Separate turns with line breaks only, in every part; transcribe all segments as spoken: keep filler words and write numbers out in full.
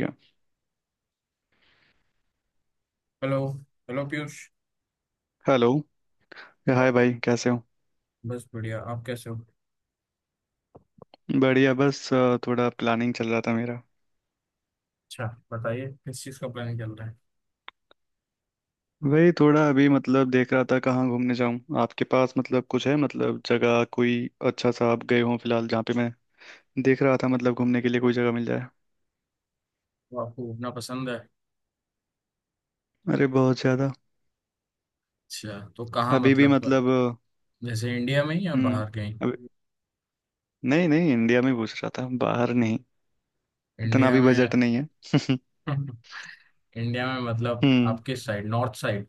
गया।
Hello. Hello Piyush.
Hello. Hi भाई, कैसे हो?
बस बढ़िया। आप कैसे हो?
बढ़िया, बस अ, थोड़ा प्लानिंग चल रहा था मेरा।
अच्छा। बताइए किस चीज़ का प्लान चल रहा है?
वही थोड़ा अभी मतलब देख रहा था कहाँ घूमने जाऊँ। आपके पास मतलब कुछ है, मतलब जगह कोई अच्छा सा आप गए हो फिलहाल जहाँ पे? मैं देख रहा था मतलब घूमने के लिए कोई जगह मिल जाए।
तो आपको घूमना पसंद है?
अरे बहुत ज़्यादा।
अच्छा तो कहाँ
अभी भी
मतलब
मतलब अ,
जैसे इंडिया में ही या
हम्म।
बाहर कहीं?
अभी नहीं नहीं, इंडिया में पूछ रहा था, बाहर नहीं। इतना
इंडिया
भी
में।
बजट नहीं है।
इंडिया में मतलब
हम्म।
आप किस साइड? North side?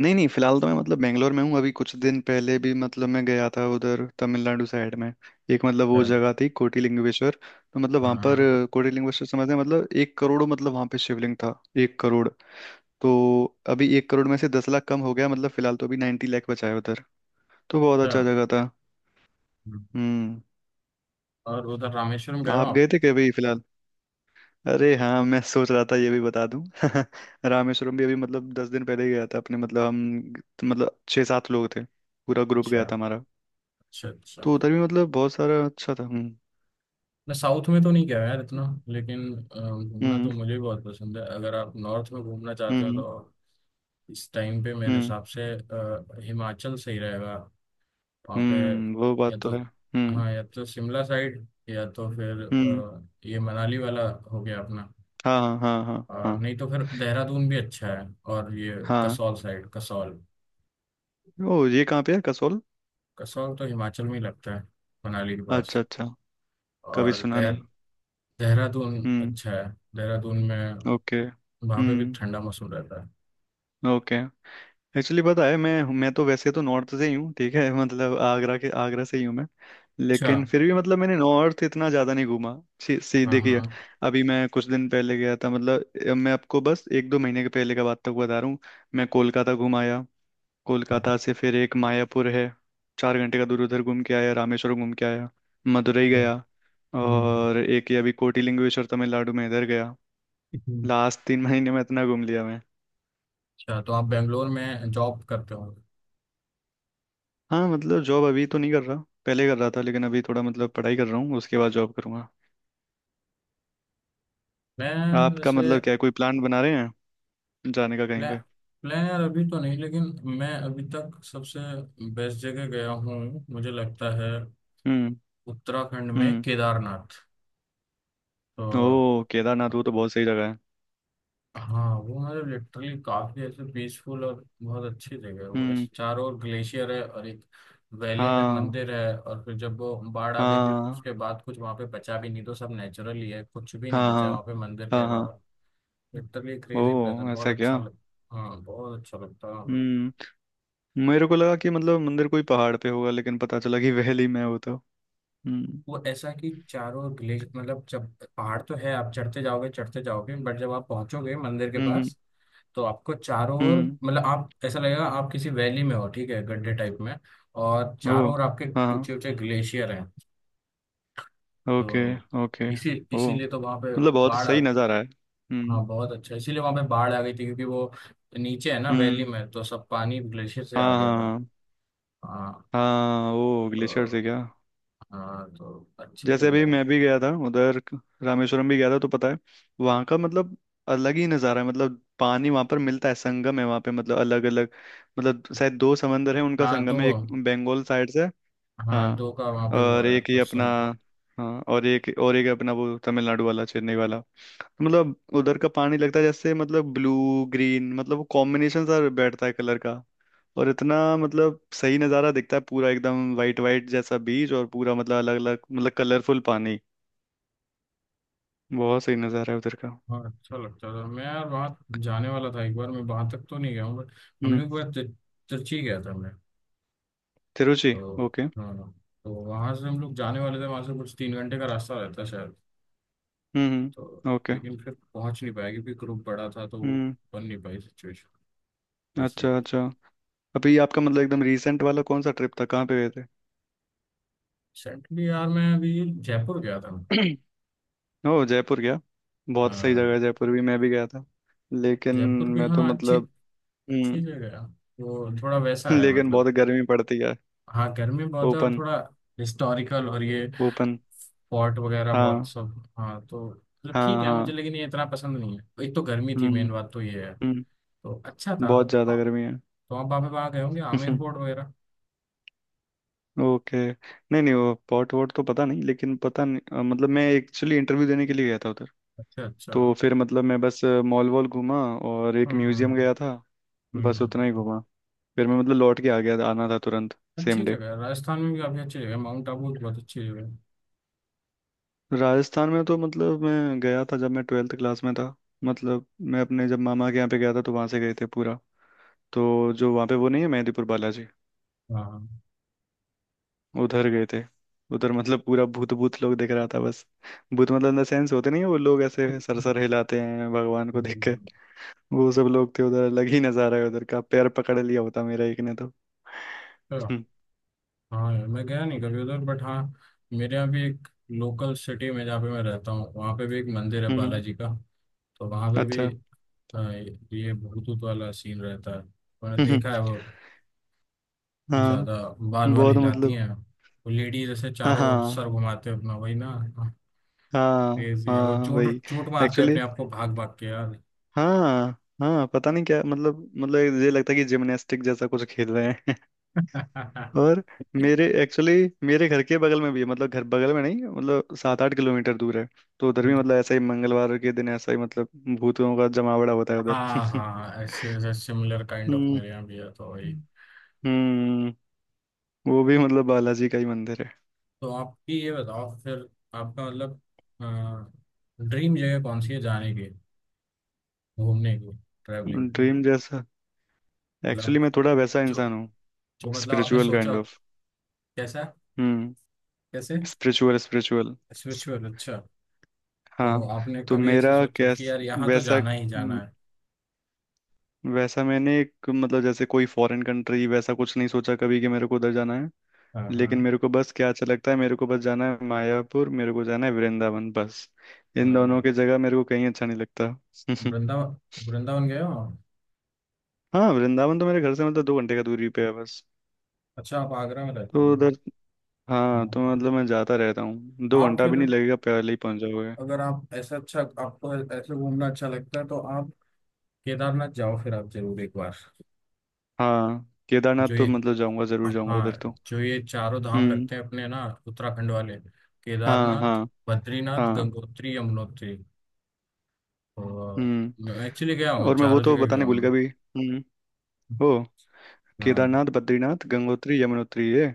नहीं नहीं, फिलहाल तो मैं मतलब बेंगलोर में हूँ। अभी कुछ दिन पहले भी मतलब मैं गया था उधर तमिलनाडु साइड में। एक मतलब वो
हाँ
जगह थी कोटिलिंगेश्वर। तो मतलब वहाँ पर
हाँ,
अ, कोटिलिंगेश्वर समझते हैं मतलब एक करोड़, मतलब वहाँ पे शिवलिंग था एक करोड़। तो अभी एक करोड़ में से दस लाख कम हो गया, मतलब फिलहाल तो अभी नाइन्टी लाख बचा है उधर। तो बहुत
अच्छा।
अच्छा जगह था।
हम्म।
हम्म।
और उधर रामेश्वरम गए हो
आप गए
आप?
थे क्या अभी फिलहाल? अरे हाँ, मैं सोच रहा था ये भी बता दूं। रामेश्वरम भी अभी मतलब दस दिन पहले ही गया था अपने मतलब हम मतलब छः सात लोग थे, पूरा ग्रुप
अच्छा
गया था हमारा।
अच्छा। अच्छा
तो उधर भी मतलब बहुत सारा अच्छा था। हम्म।
मैं साउथ में तो नहीं गया यार इतना।
हम्म।
लेकिन अ, घूमना तो
हम्म।
मुझे भी बहुत पसंद है। अगर आप नॉर्थ में घूमना चाहते हो
हम्म।
तो इस टाइम पे मेरे
हम्म।
हिसाब से अ, हिमाचल सही रहेगा वहाँ पे।
हम्म, वो
या
बात तो
तो
है। हम्म।
हाँ, या तो शिमला साइड या तो फिर
हम्म।
अ, ये मनाली वाला हो गया अपना।
हाँ हाँ हाँ हाँ
और
हाँ।
नहीं तो फिर देहरादून भी अच्छा है। और ये कसौल साइड, कसौल।
हाँ ओ, ये कहाँ पे है कसोल?
कसौल तो हिमाचल में ही लगता है, मनाली के पास।
अच्छा अच्छा। कभी
और
सुना
देह
नहीं।
देहरादून
हम्म।
अच्छा है। देहरादून में
ओके
वहाँ पे भी
हम्म।
ठंडा मौसम रहता है।
ओके। एक्चुअली पता है, मैं मैं तो वैसे तो नॉर्थ से ही हूँ ठीक है। मतलब आगरा के आगरा से ही हूँ मैं।
अच्छा
लेकिन फिर भी मतलब मैंने नॉर्थ इतना ज़्यादा नहीं घूमा। सी, सी
हाँ
देखिए।
हाँ
अभी मैं कुछ दिन पहले गया था मतलब अ, मैं आपको बस एक दो महीने के पहले का बात तक बता रहा हूँ। मैं कोलकाता घूम आया।
हाँ,
कोलकाता से फिर एक मायापुर है चार घंटे का दूर, उधर घूम के आया, रामेश्वर घूम के आया, मदुरई
ये,
गया,
हम्म,
और एक ये अभी कोटिलिंगेश्वर तमिलनाडु में इधर गया।
हम्म।
लास्ट तीन महीने में इतना घूम लिया।
अच्छा तो आप बेंगलोर में जॉब करते हो?
हाँ मतलब जॉब अभी तो नहीं कर रहा। पहले कर रहा था, लेकिन अभी थोड़ा मतलब पढ़ाई कर रहा हूँ, उसके बाद जॉब करूंगा।
मैं
आपका
जैसे
मतलब क्या है, कोई प्लान बना रहे हैं जाने का कहीं
प्ला,
पे?
प्लान यार अभी तो नहीं, लेकिन मैं अभी तक सबसे बेस्ट जगह गया हूँ मुझे लगता है
हम्म।
उत्तराखंड में
हम्म।
केदारनाथ।
ओ
तो
केदारनाथ, वो तो बहुत सही जगह है।
हाँ वो मतलब लिटरली काफी ऐसे पीसफुल और बहुत अच्छी जगह है वो,
हम्म।
ऐसे चारों ओर ग्लेशियर है और एक वैली में
हाँ
मंदिर है। और फिर जब वो बाढ़ आ गई थी तो
हाँ
उसके बाद कुछ वहाँ पे बचा भी नहीं, तो सब नेचुरल ही है, कुछ भी नहीं
हाँ
बचा
हाँ
है वहाँ पे मंदिर के
हाँ। हाँ
अलावा। लिटरली क्रेजी प्लेस है,
ओ, ऐसा
बहुत
क्या?
अच्छा लग। हाँ बहुत अच्छा लगता है।
हम्म। मेरे को लगा कि मतलब मंदिर कोई पहाड़ पे होगा, लेकिन पता चला कि वैली में है वो तो। हम्म
वो ऐसा कि चारों ग्लेश मतलब जब पहाड़ तो है, आप चढ़ते जाओगे चढ़ते जाओगे, बट जब आप पहुंचोगे मंदिर के
हम्म। हम्म
पास तो आपको चारों ओर
हम्म,
मतलब आप ऐसा लगेगा आप किसी वैली में हो, ठीक है, गड्ढे टाइप में। और
ओ
चारों ओर आपके
हाँ हाँ।
ऊंचे ऊंचे ग्लेशियर हैं।
ओके।
तो
ओके।
इसी
ओ
इसीलिए तो वहां पे
मतलब बहुत
बाढ़। आ-
सही नज़ारा है। हम्म।
हाँ बहुत अच्छा, इसीलिए वहां पे बाढ़ आ गई थी क्योंकि वो नीचे है ना वैली
हम्म।
में, तो सब पानी ग्लेशियर से आ
हाँ
गया था।
हाँ।
हाँ।
हाँ वो
तो
ग्लेशियर से क्या।
हाँ तो अच्छी
जैसे अभी
जगह है।
मैं भी गया था उधर क- रामेश्वरम भी गया था तो पता है, वहाँ का मतलब अलग ही नज़ारा है। मतलब पानी वहाँ पर मिलता है, संगम है वहाँ पे, मतलब अलग अलग, मतलब शायद दो समंदर है उनका
हाँ दो,
संगम है, एक बंगाल साइड से।
हाँ
हाँ
दो का वहां पे वो
और
है,
एक ही
बस
अपना।
सुना।
हाँ और एक और एक अपना वो तमिलनाडु वाला चेन्नई वाला, तो मतलब उधर का पानी लगता है जैसे मतलब ब्लू ग्रीन, मतलब वो कॉम्बिनेशन सा बैठता है कलर का। और इतना मतलब सही नज़ारा दिखता है, पूरा एकदम वाइट वाइट जैसा बीच और पूरा मतलब अलग अलग मतलब कलरफुल पानी। बहुत सही नज़ारा है उधर का।
हाँ अच्छा लगता था। मैं यार वहाँ जाने वाला था एक बार, मैं वहाँ तक तो नहीं गया हूँ बट हम
हम्म।
लोग एक बार तिर- तिरची गया था मैं।
तिरुचि।
तो
ओके
हाँ हाँ, तो वहाँ से हम लोग जाने वाले थे, वहाँ से कुछ तीन घंटे का रास्ता रहता शायद।
हम्म।
तो
हम्म। ओके।
लेकिन फिर पहुँच नहीं पाया क्योंकि ग्रुप बड़ा था, तो वो
हम्म।
बन नहीं पाई सिचुएशन ऐसे।
अच्छा अच्छा। अभी आपका मतलब एकदम रीसेंट वाला कौन सा ट्रिप था, कहाँ पे गए थे?
रिसेंटली यार मैं अभी जयपुर गया था।
ओह, जयपुर गया। बहुत सही जगह
हाँ
है जयपुर, भी मैं भी गया था। लेकिन
जयपुर भी,
मैं तो
हाँ अच्छी,
मतलब
अच्छी
हम्म।
जगह है। वो थोड़ा वैसा है
लेकिन
मतलब,
बहुत गर्मी पड़ती है।
हाँ गर्मी बहुत है। और
ओपन।
थोड़ा हिस्टोरिकल और ये
ओपन।
पॉट वगैरह बहुत
हाँ
सब। हाँ तो मतलब ठीक
हाँ
है मुझे,
हाँ।
लेकिन ये इतना पसंद नहीं है, एक तो गर्मी थी, मेन
हम्म।
बात तो ये है।
हम्म।
तो अच्छा था।
बहुत ज़्यादा
आ-
गर्मी है।
तो आप वहाँ वहाँ गए होंगे आमेर फोर्ट वगैरह।
ओके। नहीं नहीं वो पॉट वॉट तो पता नहीं, लेकिन पता नहीं अ, मतलब मैं एक्चुअली इंटरव्यू देने के लिए गया था उधर।
अच्छा अच्छा।
तो फिर मतलब मैं बस मॉल वॉल घूमा और एक म्यूजियम
हम्म।
गया था। बस
हम्म।
उतना ही घूमा। फिर मैं मतलब लौट के आ गया था, आना था तुरंत।
अच्छी
सेम डे।
जगह है। राजस्थान में भी काफी अच्छी जगह है। माउंट आबू भी बहुत अच्छी जगह है।
राजस्थान में तो मतलब मैं गया था जब मैं ट्वेल्थ क्लास में था। मतलब मैं अपने जब मामा के यहाँ पे गया था तो वहाँ से गए थे पूरा। तो जो वहाँ पे वो नहीं है मेहंदीपुर बालाजी,
हाँ
उधर गए थे। उधर मतलब पूरा भूत भूत लोग देख रहा था बस। भूत मतलब इन द सेंस होते नहीं है, वो लोग ऐसे सरसर हिलाते हैं भगवान को देख
अच्छा,
कर। वो सब लोग थे उधर, अलग ही नजारा है उधर का, पैर पकड़ लिया होता मेरा एक ने तो। हम्म।
हाँ यार मैं गया नहीं कभी उधर बट हाँ। मेरे यहाँ भी एक लोकल सिटी में जहाँ पे मैं रहता हूँ, वहाँ पे भी एक मंदिर है
हम्म,
बालाजी का। तो वहाँ पे भी
अच्छा।
हाँ ये भूतूत वाला सीन रहता है। मैंने
हम्म, हम्म,
देखा है वो
हाँ
ज्यादा। बाल बाल
बहुत
हिलाती
मतलब।
हैं वो लेडी, जैसे
हाँ
चारों ओर
हाँ।
सर घुमाते हैं अपना, वही ना।
हाँ
क्रेजी है। वो
हाँ।
चोट
वही।
चोट मारते हैं
एक्चुअली
अपने आप को, भाग भाग के यार।
हाँ। हाँ पता नहीं क्या मतलब, मतलब ये लगता है कि जिमनास्टिक जैसा कुछ खेल रहे हैं। और मेरे एक्चुअली मेरे घर के बगल में भी है, मतलब घर बगल में नहीं मतलब सात आठ किलोमीटर दूर है। तो उधर भी मतलब ऐसा ही मंगलवार के दिन ऐसा ही मतलब भूतों का जमावड़ा होता है उधर।
हाँ हाँ, ऐसे ऐसे सिमिलर काइंड ऑफ
हम्म।
मेरे यहाँ भी है, तो वही।
हम्म। वो भी मतलब बालाजी का ही मंदिर है।
तो आपकी ये बताओ फिर, आपका मतलब ड्रीम जगह कौन सी है जाने की, घूमने की, ट्रैवलिंग?
ड्रीम जैसा। एक्चुअली
मतलब
मैं थोड़ा वैसा
जो
इंसान हूँ।
जो मतलब आपने
स्पिरिचुअल
सोचा,
काइंड ऑफ।
कैसा,
हम्म।
कैसे?
Spiritual spiritual.
स्पिरिचुअल, अच्छा। तो
हाँ।
आपने
तो
कभी ऐसे
मेरा
सोचो कि
कैस
यार यहाँ तो
वैसा।
जाना ही जाना है?
वैसा मैंने एक मतलब जैसे कोई फॉरेन कंट्री वैसा कुछ नहीं सोचा कभी कि मेरे को उधर जाना है।
हाँ
लेकिन
हाँ।
मेरे को बस क्या अच्छा लगता है, मेरे को बस जाना है मायापुर, मेरे को जाना है वृंदावन बस।
अ,
इन दोनों की जगह मेरे को कहीं अच्छा नहीं लगता।
वृंदावन, वृंदावन गए हो आप?
हाँ वृंदावन तो मेरे घर से मतलब दो घंटे का दूरी पे है बस।
अच्छा आप आगरा में रहते हो
तो
ना।
उधर
हाँ
हाँ, तो
हाँ।
मतलब
हाँ।
मैं जाता रहता हूँ, दो
आप
घंटा भी
फिर,
नहीं लगेगा, पहले ही पहुंच जाओगे।
अगर आप ऐसा, अच्छा आपको ऐसे घूमना अच्छा लगता है तो आप केदारनाथ जाओ फिर आप जरूर एक बार।
हाँ केदारनाथ
जो
तो
ये
मतलब जाऊंगा, जरूर जाऊंगा उधर
हाँ,
तो।
जो ये चारों धाम
हम्म।
लगते हैं अपने ना उत्तराखंड वाले।
हाँ
केदारनाथ,
हाँ।
बद्रीनाथ,
हाँ।
गंगोत्री, यमुनोत्री। और मैं
हम्म।
एक्चुअली गया हूँ,
और मैं वो
चारों
तो
जगह गया
बताने भूल
हूँ
गया
मैं।
भी। हम्म ओ
हाँ
केदारनाथ बद्रीनाथ गंगोत्री यमुनोत्री, ये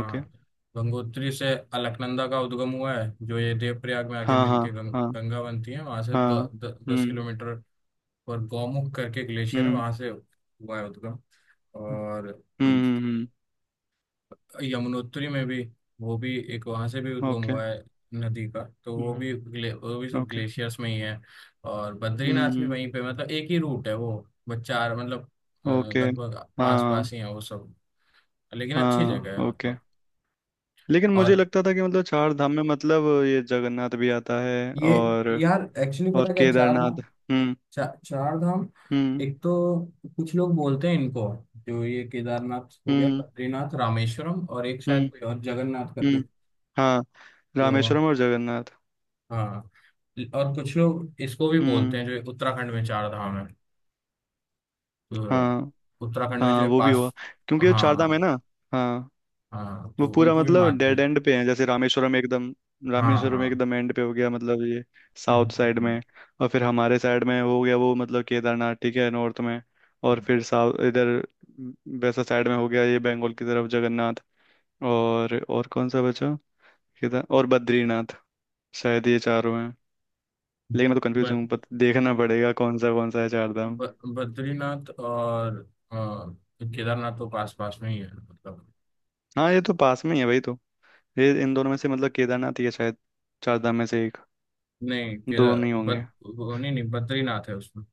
ओके।
गंगोत्री से अलकनंदा का उद्गम हुआ है, जो ये देवप्रयाग में आके
हाँ हाँ
मिलके गंग,
हाँ
गंगा बनती है। वहां से
हाँ।
द, द, दस
हम्म।
किलोमीटर पर गौमुख करके ग्लेशियर है,
हम्म।
वहां से हुआ है उद्गम। और
हम्म।
यमुनोत्री में भी, वो भी एक वहां से भी उद्गम
ओके।
हुआ है नदी का। तो वो
हम्म।
भी ग्ले, वो भी सब
ओके।
ग्लेशियर्स में ही है। और बद्रीनाथ भी
हम्म।
वहीं पे मतलब एक ही रूट है वो। बस चार मतलब अ,
ओके।
लगभग पास
हाँ।
पास ही है वो सब। लेकिन अच्छी
हाँ
जगह है
ओके।
मतलब।
लेकिन मुझे
और
लगता था कि मतलब चार धाम में मतलब ये जगन्नाथ भी आता है
ये
और
यार एक्चुअली
और
पता क्या चार
केदारनाथ।
धाम,
हम्म।
चा, चार धाम?
हम्म।
एक तो कुछ लोग बोलते हैं इनको जो ये केदारनाथ हो गया,
हम्म।
बद्रीनाथ, रामेश्वरम और एक
हम्म।
शायद कोई और जगन्नाथ करके।
हम्म। हाँ
जो
रामेश्वरम और जगन्नाथ।
हाँ, और कुछ लोग इसको भी बोलते
हम्म।
हैं जो उत्तराखंड में चार धाम है,
हाँ।
तो उत्तराखंड में जो
हाँ
ये
वो भी हुआ,
पास,
क्योंकि ये चार धाम है
हाँ
ना। हाँ।
हाँ,
वो
तो
पूरा
उनको भी
मतलब
मानते
डेड
हैं।
एंड पे है, जैसे रामेश्वरम एकदम,
हाँ
रामेश्वरम
हाँ,
एकदम एंड पे हो गया मतलब, ये
हम्म,
साउथ साइड
हम्म,
में। और फिर हमारे साइड में हो गया वो मतलब केदारनाथ ठीक है नॉर्थ में। और
हम्म।
फिर साउथ इधर वैसा साइड में हो गया ये बंगाल की तरफ जगन्नाथ। और और कौन सा बचा? केदार और बद्रीनाथ, शायद ये चारों हैं। लेकिन मैं तो कंफ्यूज
ब,
हूँ पत, देखना पड़ेगा कौन सा कौन सा है चार धाम।
ब, बद्रीनाथ और अ, केदारनाथ तो पास पास में ही है मतलब।
हाँ ये तो पास में ही है भाई तो, ये इन दोनों में से मतलब केदारनाथ ही है शायद, चार धाम में से एक।
नहीं केदा
दो नहीं होंगे।
बद वो नहीं नहीं, बद्रीनाथ है उसमें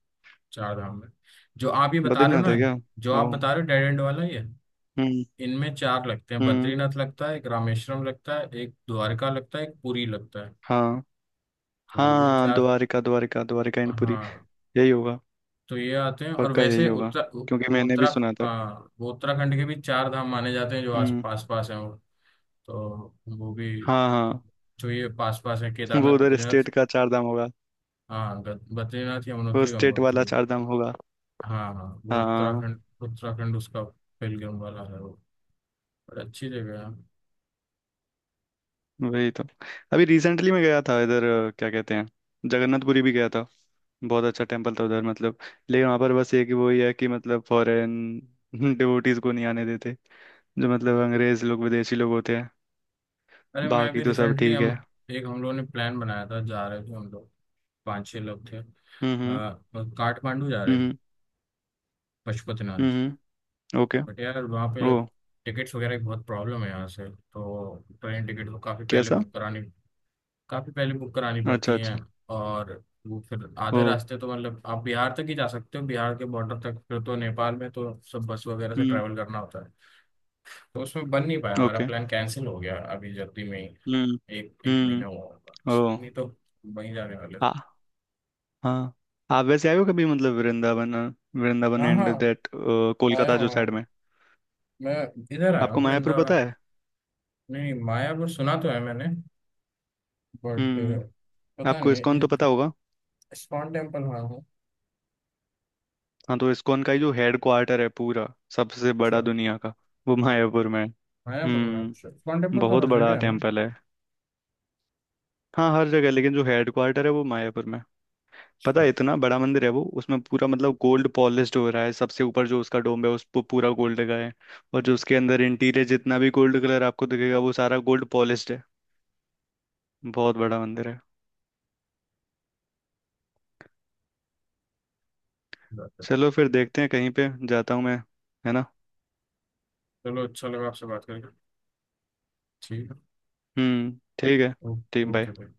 चार धाम में। जो आप ये बता रहे हो
बद्रीनाथ
ना,
है क्या?
जो
ओ।
आप बता रहे हो डेड एंड वाला ये,
हम्म।
इनमें चार लगते हैं,
हम्म।
बद्रीनाथ लगता है एक, रामेश्वरम लगता है एक, द्वारका लगता है एक, पुरी लगता है।
हाँ
तो ये
हाँ
चार,
द्वारिका द्वारिका, द्वारिका एंड पुरी,
हाँ
यही होगा।
तो ये आते हैं। और
पक्का यही
वैसे
होगा,
उत्तर
क्योंकि
वो
मैंने भी
उत्तरा
सुना था।
हाँ वो उत्तराखंड के भी चार धाम माने जाते हैं, जो आस
हम्म।
पास पास हैं वो। तो वो भी
हाँ हाँ।
जो ये पास पास है केदारनाथ
वो उधर
बद्रीनाथ,
स्टेट का चार धाम होगा।
हाँ ग- बद्रीनाथ,
वो
यमुनोत्री,
स्टेट वाला
गंगोत्री।
चार धाम होगा।
हाँ हाँ वो
हाँ।
उत्तराखंड, उत्तराखंड उसका पेलग्रिम वाला है वो। बड़ी अच्छी जगह है।
वही तो। अभी रिसेंटली मैं गया था इधर अ, क्या कहते हैं, जगन्नाथपुरी भी गया था। बहुत अच्छा टेम्पल था उधर मतलब। लेकिन वहाँ पर बस ये कि वही है कि मतलब फॉरेन डिवोटीज को नहीं आने देते, जो मतलब अंग्रेज लोग, विदेशी लोग होते हैं।
अरे मैं
बाकी
भी
तो सब
रिसेंटली
ठीक
हम,
है।
एक हम लोगों ने प्लान बनाया था, जा रहे थे हम लोग, पाँच छः लोग थे, आ,
हम्म। हम्म।
काठमांडू जा रहे थे,
हम्म। हम्म।
पशुपतिनाथ।
हम्म, ओके।
बट यार वहाँ पे
ओ।
टिकट्स वगैरह की बहुत प्रॉब्लम है यहाँ से। तो ट्रेन टिकट को काफ़ी पहले
कैसा?
बुक करानी काफ़ी पहले बुक करानी पड़ती
अच्छा
हैं।
अच्छा।
और वो फिर आधे
ओ।
रास्ते तो मतलब आप बिहार तक ही जा सकते हो, बिहार के बॉर्डर तक, फिर तो नेपाल में तो सब बस वगैरह से
हम्म।
ट्रैवल करना होता है। तो उसमें बन नहीं पाया हमारा,
ओके।
प्लान कैंसिल हो गया अभी जल्दी में ही।
हम्म।
एक एक
हम्म।
महीना हुआ होगा।
ओ
नहीं तो वहीं जाने वाले
आ
थे।
हाँ। आप वैसे आए हो कभी मतलब वृंदावन, वृंदावन
हाँ हाँ,
एंड दैट
आया
कोलकाता
हूँ
जो
आया
साइड
हूँ।
में?
मैं इधर आया
आपको
हूँ
मायापुर
वृंदावन।
पता है?
नहीं मायापुर सुना तो है मैंने, बट
हम्म।
पता
आपको
नहीं
इस्कॉन
है।
तो पता होगा।
इस्कॉन टेम्पल आया हूँ।
हाँ तो इस्कॉन का ही जो हेड क्वार्टर है पूरा, सबसे
अच्छा।
बड़ा दुनिया का, वो मायापुर में है।
मायापुर में अच्छा,
हम्म
इस्कॉन टेम्पल तो
बहुत
हर
बड़ा
जगह है ना।
टेम्पल है। हाँ हर जगह, लेकिन जो हेड क्वार्टर है वो मायापुर में है। पता
अच्छा,
है, इतना बड़ा मंदिर है वो, उसमें पूरा मतलब गोल्ड पॉलिश्ड हो रहा है, सबसे ऊपर जो उसका डोम है उस पर पूरा गोल्ड लगा है। और जो उसके अंदर इंटीरियर जितना भी गोल्ड कलर आपको दिखेगा वो सारा गोल्ड पॉलिश्ड है। बहुत बड़ा मंदिर है।
अच्छी बात है।
चलो फिर देखते हैं, कहीं पे जाता हूँ मैं, है ना?
चलो अच्छा लगा आपसे बात करके। ठीक है।
हम्म। ठीक है।
ओ-
ठीक, बाय।
ओके भाई।